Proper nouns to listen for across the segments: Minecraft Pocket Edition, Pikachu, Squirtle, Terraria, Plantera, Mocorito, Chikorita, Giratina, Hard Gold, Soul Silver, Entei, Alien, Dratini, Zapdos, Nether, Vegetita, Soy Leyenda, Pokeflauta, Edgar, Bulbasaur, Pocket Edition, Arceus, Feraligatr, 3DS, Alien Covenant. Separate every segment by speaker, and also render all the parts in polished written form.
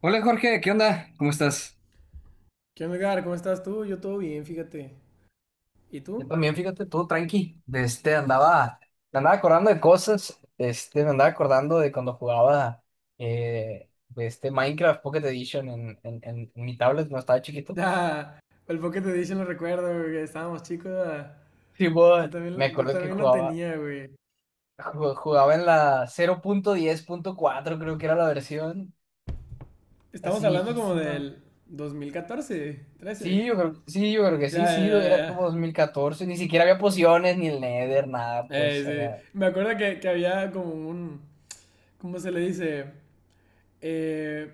Speaker 1: Hola Jorge, ¿qué onda? ¿Cómo estás?
Speaker 2: ¿Qué onda, Edgar? ¿Cómo estás tú? Yo todo bien, fíjate. ¿Y
Speaker 1: Yo
Speaker 2: tú?
Speaker 1: también, fíjate, todo tranqui, andaba, me andaba acordando de cosas, me andaba acordando de cuando jugaba de este Minecraft Pocket Edition en mi tablet cuando estaba chiquito.
Speaker 2: Ya, el Pocket Edition lo recuerdo, güey, que estábamos chicos.
Speaker 1: Sí, bueno.
Speaker 2: Yo
Speaker 1: Me
Speaker 2: también, yo
Speaker 1: acuerdo que
Speaker 2: también lo
Speaker 1: jugaba,
Speaker 2: tenía, güey.
Speaker 1: ju- jugaba en la cero punto diez punto cuatro, creo que era la versión, así
Speaker 2: Estamos hablando como
Speaker 1: viejísima.
Speaker 2: del 2014, 13.
Speaker 1: Sí, yo creo que sí,
Speaker 2: Ya, ya,
Speaker 1: sí,
Speaker 2: ya,
Speaker 1: era como dos
Speaker 2: ya.
Speaker 1: mil catorce, ni siquiera había pociones, ni el Nether, nada, pues.
Speaker 2: Sí. Me acuerdo que había como un, ¿cómo se le dice? Eh,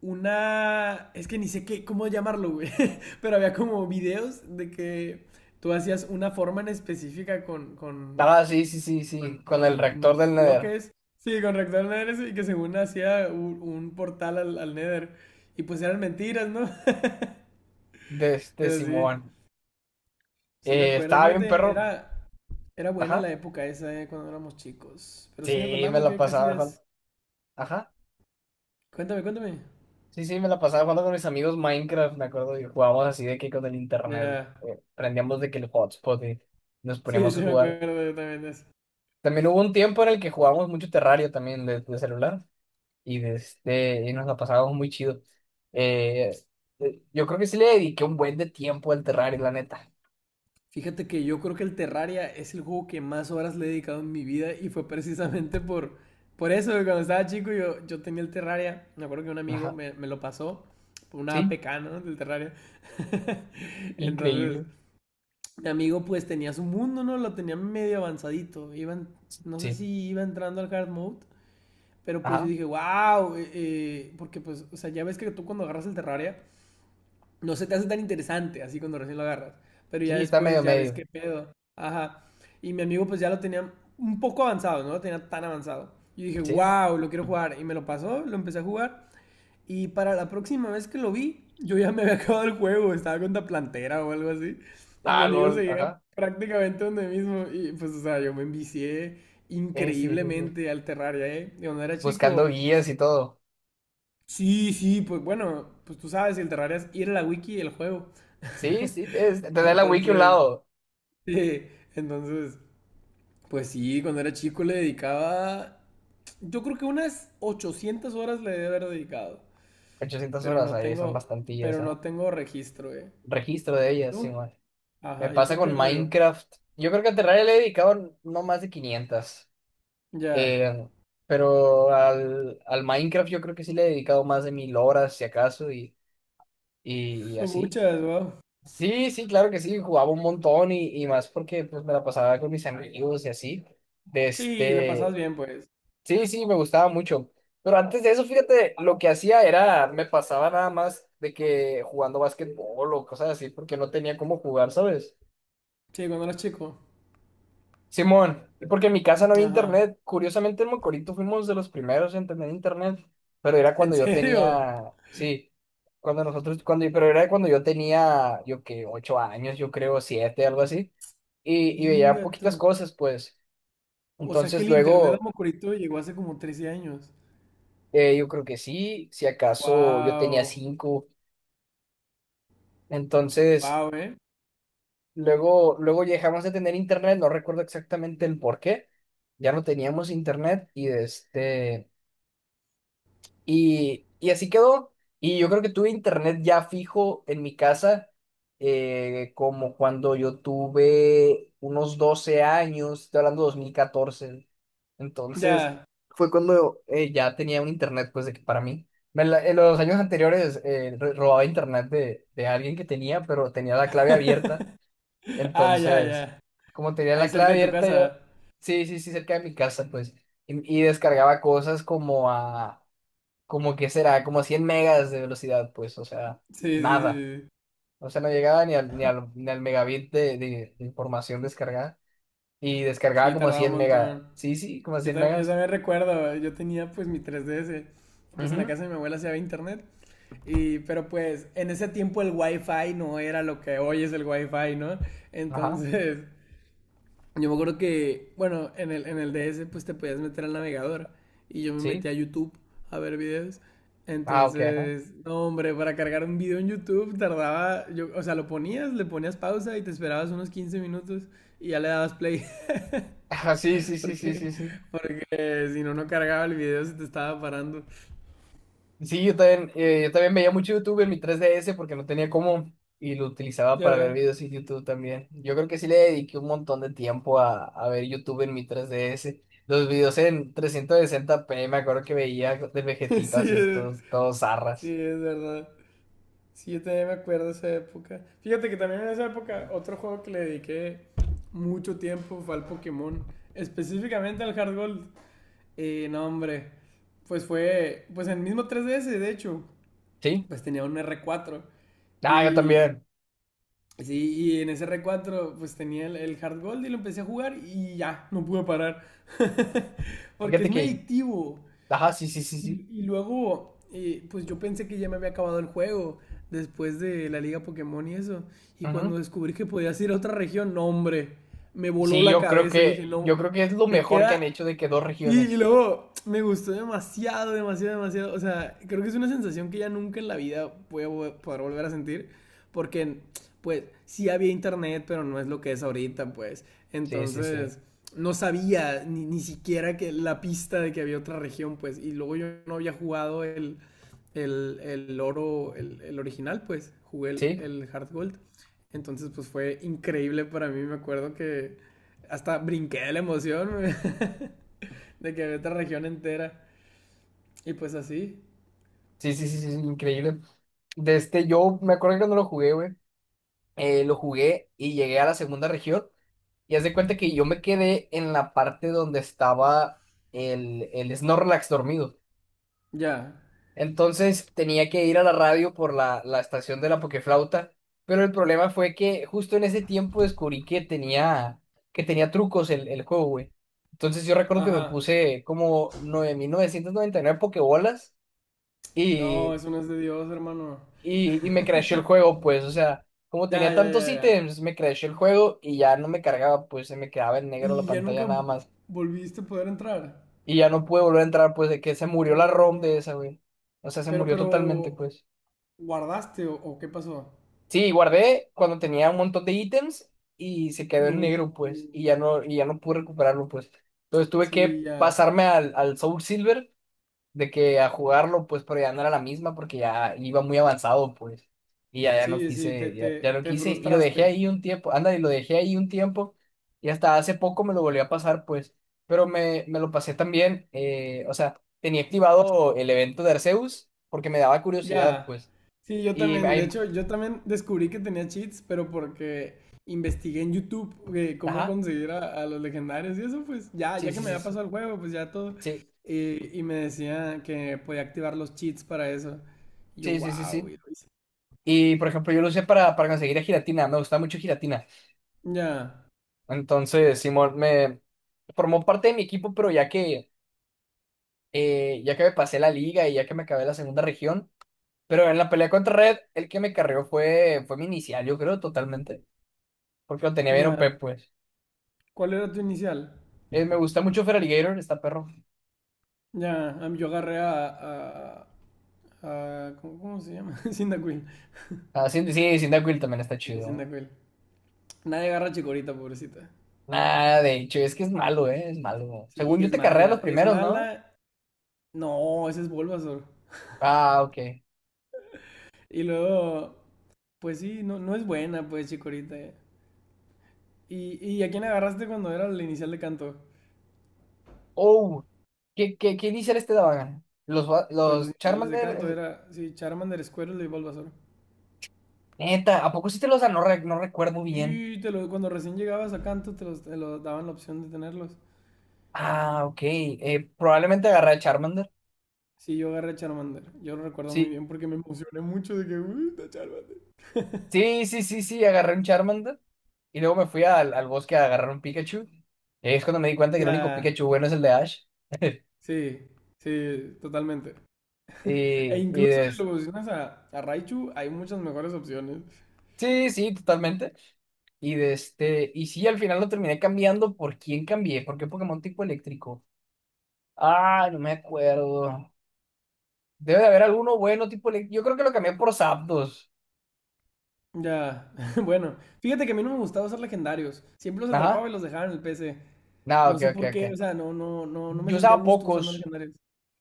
Speaker 2: una, es que ni sé qué, cómo llamarlo, güey. Pero había como videos de que tú hacías una forma en específica con
Speaker 1: Ah, sí, sí, sí,
Speaker 2: Con,
Speaker 1: sí, con el reactor
Speaker 2: con
Speaker 1: del Nether,
Speaker 2: bloques. Sí, con rector nether y que según hacía un portal al Nether. Y pues eran mentiras, ¿no?
Speaker 1: de este
Speaker 2: Pero sí,
Speaker 1: Simón.
Speaker 2: sí me acuerdo.
Speaker 1: Estaba bien,
Speaker 2: Fíjate,
Speaker 1: perro.
Speaker 2: era buena la
Speaker 1: Ajá.
Speaker 2: época esa, cuando éramos chicos. Pero
Speaker 1: Sí,
Speaker 2: sigue
Speaker 1: me
Speaker 2: contando
Speaker 1: la
Speaker 2: qué
Speaker 1: pasaba
Speaker 2: hacías.
Speaker 1: jugando. Ajá.
Speaker 2: Cuéntame, cuéntame.
Speaker 1: Sí, sí, me la pasaba jugando con mis amigos Minecraft, me acuerdo, y jugábamos así de que con el internet.
Speaker 2: Ya.
Speaker 1: Prendíamos de que el hotspot y nos
Speaker 2: Sí,
Speaker 1: poníamos a
Speaker 2: sí me
Speaker 1: jugar.
Speaker 2: acuerdo yo también de
Speaker 1: También hubo un tiempo en el que jugábamos mucho Terrario también de celular y nos la pasábamos muy chido. Eh, yo creo que sí le dediqué un buen de tiempo al Terrario, la neta.
Speaker 2: Fíjate que yo creo que el Terraria es el juego que más horas le he dedicado en mi vida y fue precisamente por eso, que cuando estaba chico yo tenía el Terraria, me acuerdo que un amigo
Speaker 1: Ajá.
Speaker 2: me lo pasó, por una
Speaker 1: Sí,
Speaker 2: APK, ¿no? Del Terraria. Entonces,
Speaker 1: increíble.
Speaker 2: mi amigo pues tenía su mundo, ¿no? Lo tenía medio avanzadito, iban, no sé
Speaker 1: Sí.
Speaker 2: si iba entrando al hard mode, pero pues yo
Speaker 1: Ajá,
Speaker 2: dije, wow, porque pues, o sea, ya ves que tú cuando agarras el Terraria no se te hace tan interesante así cuando recién lo agarras, pero ya
Speaker 1: sí, está
Speaker 2: después
Speaker 1: medio
Speaker 2: ya ves
Speaker 1: medio,
Speaker 2: qué pedo. Ajá. Y mi amigo pues ya lo tenía un poco avanzado, no lo tenía tan avanzado. Y dije,
Speaker 1: sí.
Speaker 2: wow, lo quiero jugar. Y me lo pasó, lo empecé a jugar. Y para la próxima vez que lo vi, yo ya me había acabado el juego, estaba con la plantera o algo así. Y mi
Speaker 1: Ah,
Speaker 2: amigo
Speaker 1: lol,
Speaker 2: seguía
Speaker 1: ajá.
Speaker 2: prácticamente donde mismo. Y pues, o sea, yo me envicié
Speaker 1: Sí, sí, sí.
Speaker 2: increíblemente al Terraria, ¿eh? De cuando era
Speaker 1: Buscando
Speaker 2: chico.
Speaker 1: guías y todo.
Speaker 2: Sí, sí, pues bueno, pues tú sabes, el Terraria es ir a la wiki del juego.
Speaker 1: Sí, sí, te da la wiki a un
Speaker 2: Entonces,
Speaker 1: lado.
Speaker 2: sí, entonces, pues sí, cuando era chico le dedicaba, yo creo que unas 800 horas le debe haber dedicado,
Speaker 1: ochocientas
Speaker 2: pero
Speaker 1: horas
Speaker 2: no
Speaker 1: ahí son
Speaker 2: tengo,
Speaker 1: bastantillas,
Speaker 2: pero
Speaker 1: ¿eh?
Speaker 2: no tengo registro, ¿eh?
Speaker 1: Registro de ellas, sí,
Speaker 2: ¿Tú?
Speaker 1: man. Me
Speaker 2: Ajá, ¿y
Speaker 1: pasa
Speaker 2: tú
Speaker 1: con
Speaker 2: qué rollo?
Speaker 1: Minecraft. Yo creo que a Terraria le he dedicado no más de 500.
Speaker 2: Ya,
Speaker 1: Eh, pero al Minecraft yo creo que sí le he dedicado más de 1000 horas, si acaso, y, y, y
Speaker 2: son
Speaker 1: así.
Speaker 2: muchas, wow.
Speaker 1: Sí, sí, claro que sí, jugaba un montón y más porque pues me la pasaba con mis amigos y así. De
Speaker 2: Sí, la pasabas
Speaker 1: este,
Speaker 2: bien, pues.
Speaker 1: sí, sí, me gustaba mucho. Pero antes de eso, fíjate, lo que hacía era, me pasaba nada más de que jugando básquetbol o cosas así, porque no tenía cómo jugar, ¿sabes?
Speaker 2: Sí, cuando eras chico.
Speaker 1: Simón, porque en mi casa no había
Speaker 2: Ajá.
Speaker 1: internet. Curiosamente en Mocorito fuimos de los primeros en tener internet, pero era
Speaker 2: ¿En
Speaker 1: cuando yo
Speaker 2: serio?
Speaker 1: tenía, sí, cuando nosotros, cuando, pero era cuando yo tenía, yo que 8 años, yo creo, 7, algo así, y veía
Speaker 2: Inga tú.
Speaker 1: poquitas cosas, pues.
Speaker 2: O sea que
Speaker 1: Entonces
Speaker 2: el internet a
Speaker 1: luego,
Speaker 2: Mocorito llegó hace como 13 años.
Speaker 1: yo creo que sí, si acaso yo tenía
Speaker 2: Wow.
Speaker 1: 5, entonces
Speaker 2: Wow, ¿eh?
Speaker 1: luego dejamos de tener internet, no recuerdo exactamente el por qué, ya no teníamos internet Y así quedó. Y yo creo que tuve internet ya fijo en mi casa, como cuando yo tuve unos 12 años, estoy hablando de 2014. Entonces,
Speaker 2: Ya.
Speaker 1: fue cuando ya tenía un internet, pues, de que para mí. En los años anteriores robaba internet de alguien que tenía, pero tenía la clave abierta.
Speaker 2: Ya, ya.
Speaker 1: Entonces, como tenía
Speaker 2: Ahí
Speaker 1: la clave
Speaker 2: cerca de tu
Speaker 1: abierta, yo,
Speaker 2: casa.
Speaker 1: sí, sí, sí, cerca de mi casa, pues, y descargaba cosas como a como que será, como 100 megas de velocidad, pues, o sea,
Speaker 2: Sí, sí,
Speaker 1: nada.
Speaker 2: sí.
Speaker 1: O sea, no llegaba ni al megabit de información descargada. Y descargaba
Speaker 2: Sí,
Speaker 1: como
Speaker 2: tardaba un
Speaker 1: 100 megas.
Speaker 2: montón.
Speaker 1: Sí, sí, como
Speaker 2: Yo,
Speaker 1: 100
Speaker 2: yo
Speaker 1: megas.
Speaker 2: también recuerdo, yo tenía pues mi 3DS. Pues en la
Speaker 1: Ujú.
Speaker 2: casa de mi abuela se había internet. Y, pero pues en ese tiempo el wifi no era lo que hoy es el wifi, ¿no?
Speaker 1: Ajá,
Speaker 2: Entonces, yo me acuerdo que, bueno, en el DS pues te podías meter al navegador y yo me metí
Speaker 1: sí.
Speaker 2: a YouTube a ver videos.
Speaker 1: Ah, ok, ajá.
Speaker 2: Entonces, no, hombre, para cargar un video en YouTube tardaba, yo, o sea, lo ponías, le ponías pausa y te esperabas unos 15 minutos y ya le dabas play
Speaker 1: Ajá, sí, sí, sí, sí, sí,
Speaker 2: porque,
Speaker 1: sí.
Speaker 2: porque si no, no cargaba el video, se te estaba parando.
Speaker 1: Sí, yo también veía mucho YouTube en mi 3DS porque no tenía cómo y lo utilizaba para ver
Speaker 2: Ya,
Speaker 1: videos en YouTube también. Yo creo que sí le dediqué un montón de tiempo a, ver YouTube en mi tres D S. Los videos en 360p me acuerdo que veía de
Speaker 2: sí,
Speaker 1: Vegetita así,
Speaker 2: es-
Speaker 1: todos, todos
Speaker 2: sí,
Speaker 1: zarras.
Speaker 2: es verdad. Sí, yo también me acuerdo de esa época. Fíjate que también en esa época otro juego que le dediqué mucho tiempo fue al Pokémon. Específicamente al Hard Gold. No, hombre. Pues fue, pues en el mismo 3DS, de hecho,
Speaker 1: ¿Sí?
Speaker 2: pues tenía un R4.
Speaker 1: Ah, yo
Speaker 2: Y,
Speaker 1: también.
Speaker 2: sí, y en ese R4 pues tenía el Hard Gold y lo empecé a jugar y ya, no pude parar. Porque
Speaker 1: Fíjate
Speaker 2: es muy
Speaker 1: que,
Speaker 2: adictivo.
Speaker 1: ajá, sí, sí, sí,
Speaker 2: Y,
Speaker 1: sí.
Speaker 2: y luego, pues yo pensé que ya me había acabado el juego después de la liga Pokémon y eso. Y
Speaker 1: Ujú.
Speaker 2: cuando descubrí que podías ir a otra región, no, hombre, me voló
Speaker 1: Sí,
Speaker 2: la
Speaker 1: yo creo
Speaker 2: cabeza. Dije,
Speaker 1: que,
Speaker 2: no,
Speaker 1: yo creo que es lo
Speaker 2: me
Speaker 1: mejor que han
Speaker 2: queda.
Speaker 1: hecho de que dos
Speaker 2: Sí, y
Speaker 1: regiones.
Speaker 2: luego me gustó demasiado, demasiado, demasiado. O sea, creo que es una sensación que ya nunca en la vida voy a poder volver a sentir. Porque, pues, sí había internet, pero no es lo que es ahorita, pues.
Speaker 1: Sí, sí, sí.
Speaker 2: Entonces, no sabía ni siquiera que la pista de que había otra región, pues. Y luego yo no había jugado el oro, el original, pues. Jugué
Speaker 1: Sí,
Speaker 2: el Hard Gold. Entonces, pues fue increíble para mí. Me acuerdo que hasta brinqué de la emoción. De que había otra región entera. Y pues así.
Speaker 1: sí, sí, sí, sí, increíble. Yo me acuerdo que cuando lo jugué, güey. Lo jugué y llegué a la segunda región. Y haz de cuenta que yo me quedé en la parte donde estaba el Snorlax dormido.
Speaker 2: Ya.
Speaker 1: Entonces tenía que ir a la radio por la estación de la Pokeflauta. Pero el problema fue que justo en ese tiempo descubrí que tenía trucos el juego, güey. Entonces yo recuerdo que me
Speaker 2: Ajá.
Speaker 1: puse como 9999 Pokébolas
Speaker 2: No,
Speaker 1: y
Speaker 2: eso no es de Dios, hermano.
Speaker 1: y me crashó el juego, pues, o sea, como
Speaker 2: Ya,
Speaker 1: tenía
Speaker 2: ya,
Speaker 1: tantos
Speaker 2: ya, ya.
Speaker 1: ítems, me crashó el juego y ya no me cargaba, pues se me quedaba en negro la
Speaker 2: Y ya
Speaker 1: pantalla
Speaker 2: nunca
Speaker 1: nada más.
Speaker 2: volviste a poder entrar.
Speaker 1: Y ya no pude volver a entrar, pues, de que se murió la ROM de
Speaker 2: No.
Speaker 1: esa, güey. O sea, se
Speaker 2: Pero,
Speaker 1: murió
Speaker 2: pero.
Speaker 1: totalmente, pues.
Speaker 2: ¿Guardaste o qué pasó?
Speaker 1: Sí, guardé cuando tenía un montón de ítems y se quedó en
Speaker 2: No.
Speaker 1: negro, pues, y ya no pude recuperarlo, pues. Entonces tuve
Speaker 2: Sí,
Speaker 1: que
Speaker 2: ya.
Speaker 1: pasarme al Soul Silver de que a jugarlo, pues, pero ya no era la misma porque ya iba muy avanzado, pues. Y ya no
Speaker 2: Sí,
Speaker 1: quise, ya, ya no
Speaker 2: te
Speaker 1: quise, y lo dejé
Speaker 2: frustraste.
Speaker 1: ahí un tiempo, anda, y lo dejé ahí un tiempo, y hasta hace poco me lo volví a pasar, pues. Pero me lo pasé también, o sea, tenía activado el evento de Arceus porque me daba curiosidad,
Speaker 2: Ya.
Speaker 1: pues.
Speaker 2: Sí, yo
Speaker 1: Y me-
Speaker 2: también. De
Speaker 1: ahí,
Speaker 2: hecho, yo también descubrí que tenía cheats, pero porque investigué en YouTube cómo
Speaker 1: ajá,
Speaker 2: conseguir a los legendarios y eso, pues ya, ya
Speaker 1: sí,
Speaker 2: que
Speaker 1: sí,
Speaker 2: me
Speaker 1: sí,
Speaker 2: había
Speaker 1: sí,
Speaker 2: pasado el juego, pues ya todo.
Speaker 1: sí,
Speaker 2: Eh, y me decía que podía activar los cheats para eso. Y yo,
Speaker 1: sí, sí, sí.
Speaker 2: wow,
Speaker 1: Sí.
Speaker 2: y lo hice.
Speaker 1: Y por ejemplo, yo lo usé para conseguir a Giratina, me gusta mucho Giratina.
Speaker 2: Ya,
Speaker 1: Entonces, Simón me formó parte de mi equipo, pero ya que me pasé la liga y ya que me acabé la segunda región. Pero en la pelea contra Red, el que me carrió fue mi inicial, yo creo, totalmente. Porque lo tenía bien OP,
Speaker 2: ya.
Speaker 1: pues.
Speaker 2: ¿Cuál era tu inicial?
Speaker 1: Me gusta mucho Feraligatr, está perro.
Speaker 2: Ya, a mí yo agarré a ¿cómo, cómo se llama? Cyndaquil.
Speaker 1: Ah, sí, sí, Cyndaquil también está
Speaker 2: Sí,
Speaker 1: chido.
Speaker 2: Cyndaquil. Nadie agarra a Chikorita, pobrecita.
Speaker 1: Nada, de hecho, es que es malo, ¿eh? Es malo.
Speaker 2: Sí,
Speaker 1: Según yo
Speaker 2: es
Speaker 1: te carrea los
Speaker 2: mala. Es
Speaker 1: primeros, ¿no?
Speaker 2: mala. No, ese es Bulbasaur.
Speaker 1: Ah, ok.
Speaker 2: Y luego, pues sí, no, no es buena, pues, Chikorita. Y a quién agarraste cuando era la inicial de canto?
Speaker 1: Oh, ¿qué inicial daban? Los, va-
Speaker 2: Pues los
Speaker 1: los
Speaker 2: iniciales de
Speaker 1: Charmander,
Speaker 2: canto era, sí, Charmander, Squirtle y Bulbasaur.
Speaker 1: neta, ¿a poco sí te los dan? No, no recuerdo bien.
Speaker 2: Sí, te lo, cuando recién llegabas a canto te, los, te lo daban la opción de tenerlos.
Speaker 1: Ah, ok. Probablemente agarré a Charmander.
Speaker 2: Sí, yo agarré Charmander. Yo lo recuerdo muy
Speaker 1: Sí,
Speaker 2: bien porque me emocioné mucho de que, uy, está Charmander.
Speaker 1: sí, sí, sí, sí, agarré un Charmander y luego me fui al bosque a agarrar un Pikachu. Y ahí es cuando me di cuenta que el único
Speaker 2: Ya,
Speaker 1: Pikachu bueno es el de Ash.
Speaker 2: sí, sí, totalmente. E
Speaker 1: Y, y
Speaker 2: incluso
Speaker 1: de-
Speaker 2: si lo evolucionas a Raichu, hay muchas mejores opciones.
Speaker 1: sí, sí, totalmente. Y sí, al final lo terminé cambiando. ¿Por quién cambié? ¿Por qué Pokémon tipo eléctrico? Ah, no me acuerdo. Debe de haber alguno bueno tipo eléctrico. Yo creo que lo cambié por Zapdos.
Speaker 2: Ya, bueno, fíjate que a mí no me gustaba usar legendarios. Siempre los
Speaker 1: Ajá.
Speaker 2: atrapaba y los dejaba en el PC.
Speaker 1: No,
Speaker 2: No
Speaker 1: ok,
Speaker 2: sé
Speaker 1: ok,
Speaker 2: por
Speaker 1: ok.
Speaker 2: qué, o sea, no me
Speaker 1: Yo
Speaker 2: sentía a
Speaker 1: usaba
Speaker 2: gusto usando
Speaker 1: pocos.
Speaker 2: legendarios.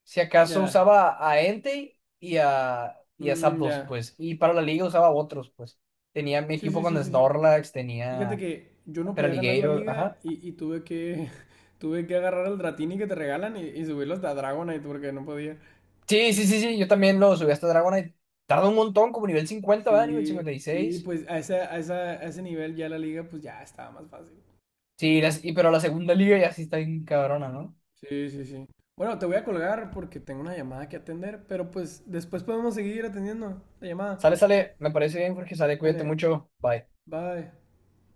Speaker 1: Si acaso
Speaker 2: Ya,
Speaker 1: usaba a Entei y a
Speaker 2: mm,
Speaker 1: Zapdos,
Speaker 2: ya.
Speaker 1: pues. Y para la liga usaba otros, pues. Tenía mi
Speaker 2: Sí,
Speaker 1: equipo
Speaker 2: sí, sí,
Speaker 1: con
Speaker 2: sí, sí.
Speaker 1: Snorlax,
Speaker 2: Fíjate
Speaker 1: tenía
Speaker 2: que yo no podía ganar la
Speaker 1: Peraligator,
Speaker 2: liga
Speaker 1: ajá.
Speaker 2: y tuve que, tuve que agarrar al Dratini que te regalan y subirlo hasta Dragonite porque no podía.
Speaker 1: Sí, sí, sí, sí, yo también lo subí hasta Dragonite. Tarda un montón, como nivel 50, ¿verdad? Nivel
Speaker 2: Sí,
Speaker 1: cincuenta y
Speaker 2: sí,
Speaker 1: seis
Speaker 2: pues a ese, a esa- a ese nivel ya la liga pues ya estaba más fácil.
Speaker 1: Sí, pero la segunda liga ya sí está bien cabrona, ¿no?
Speaker 2: Sí, sí, sí. Bueno, te voy a colgar porque tengo una llamada que atender, pero pues después podemos seguir atendiendo la llamada.
Speaker 1: Sale, sale, me parece bien, Jorge, sale, cuídate
Speaker 2: Dale,
Speaker 1: mucho, bye.
Speaker 2: bye.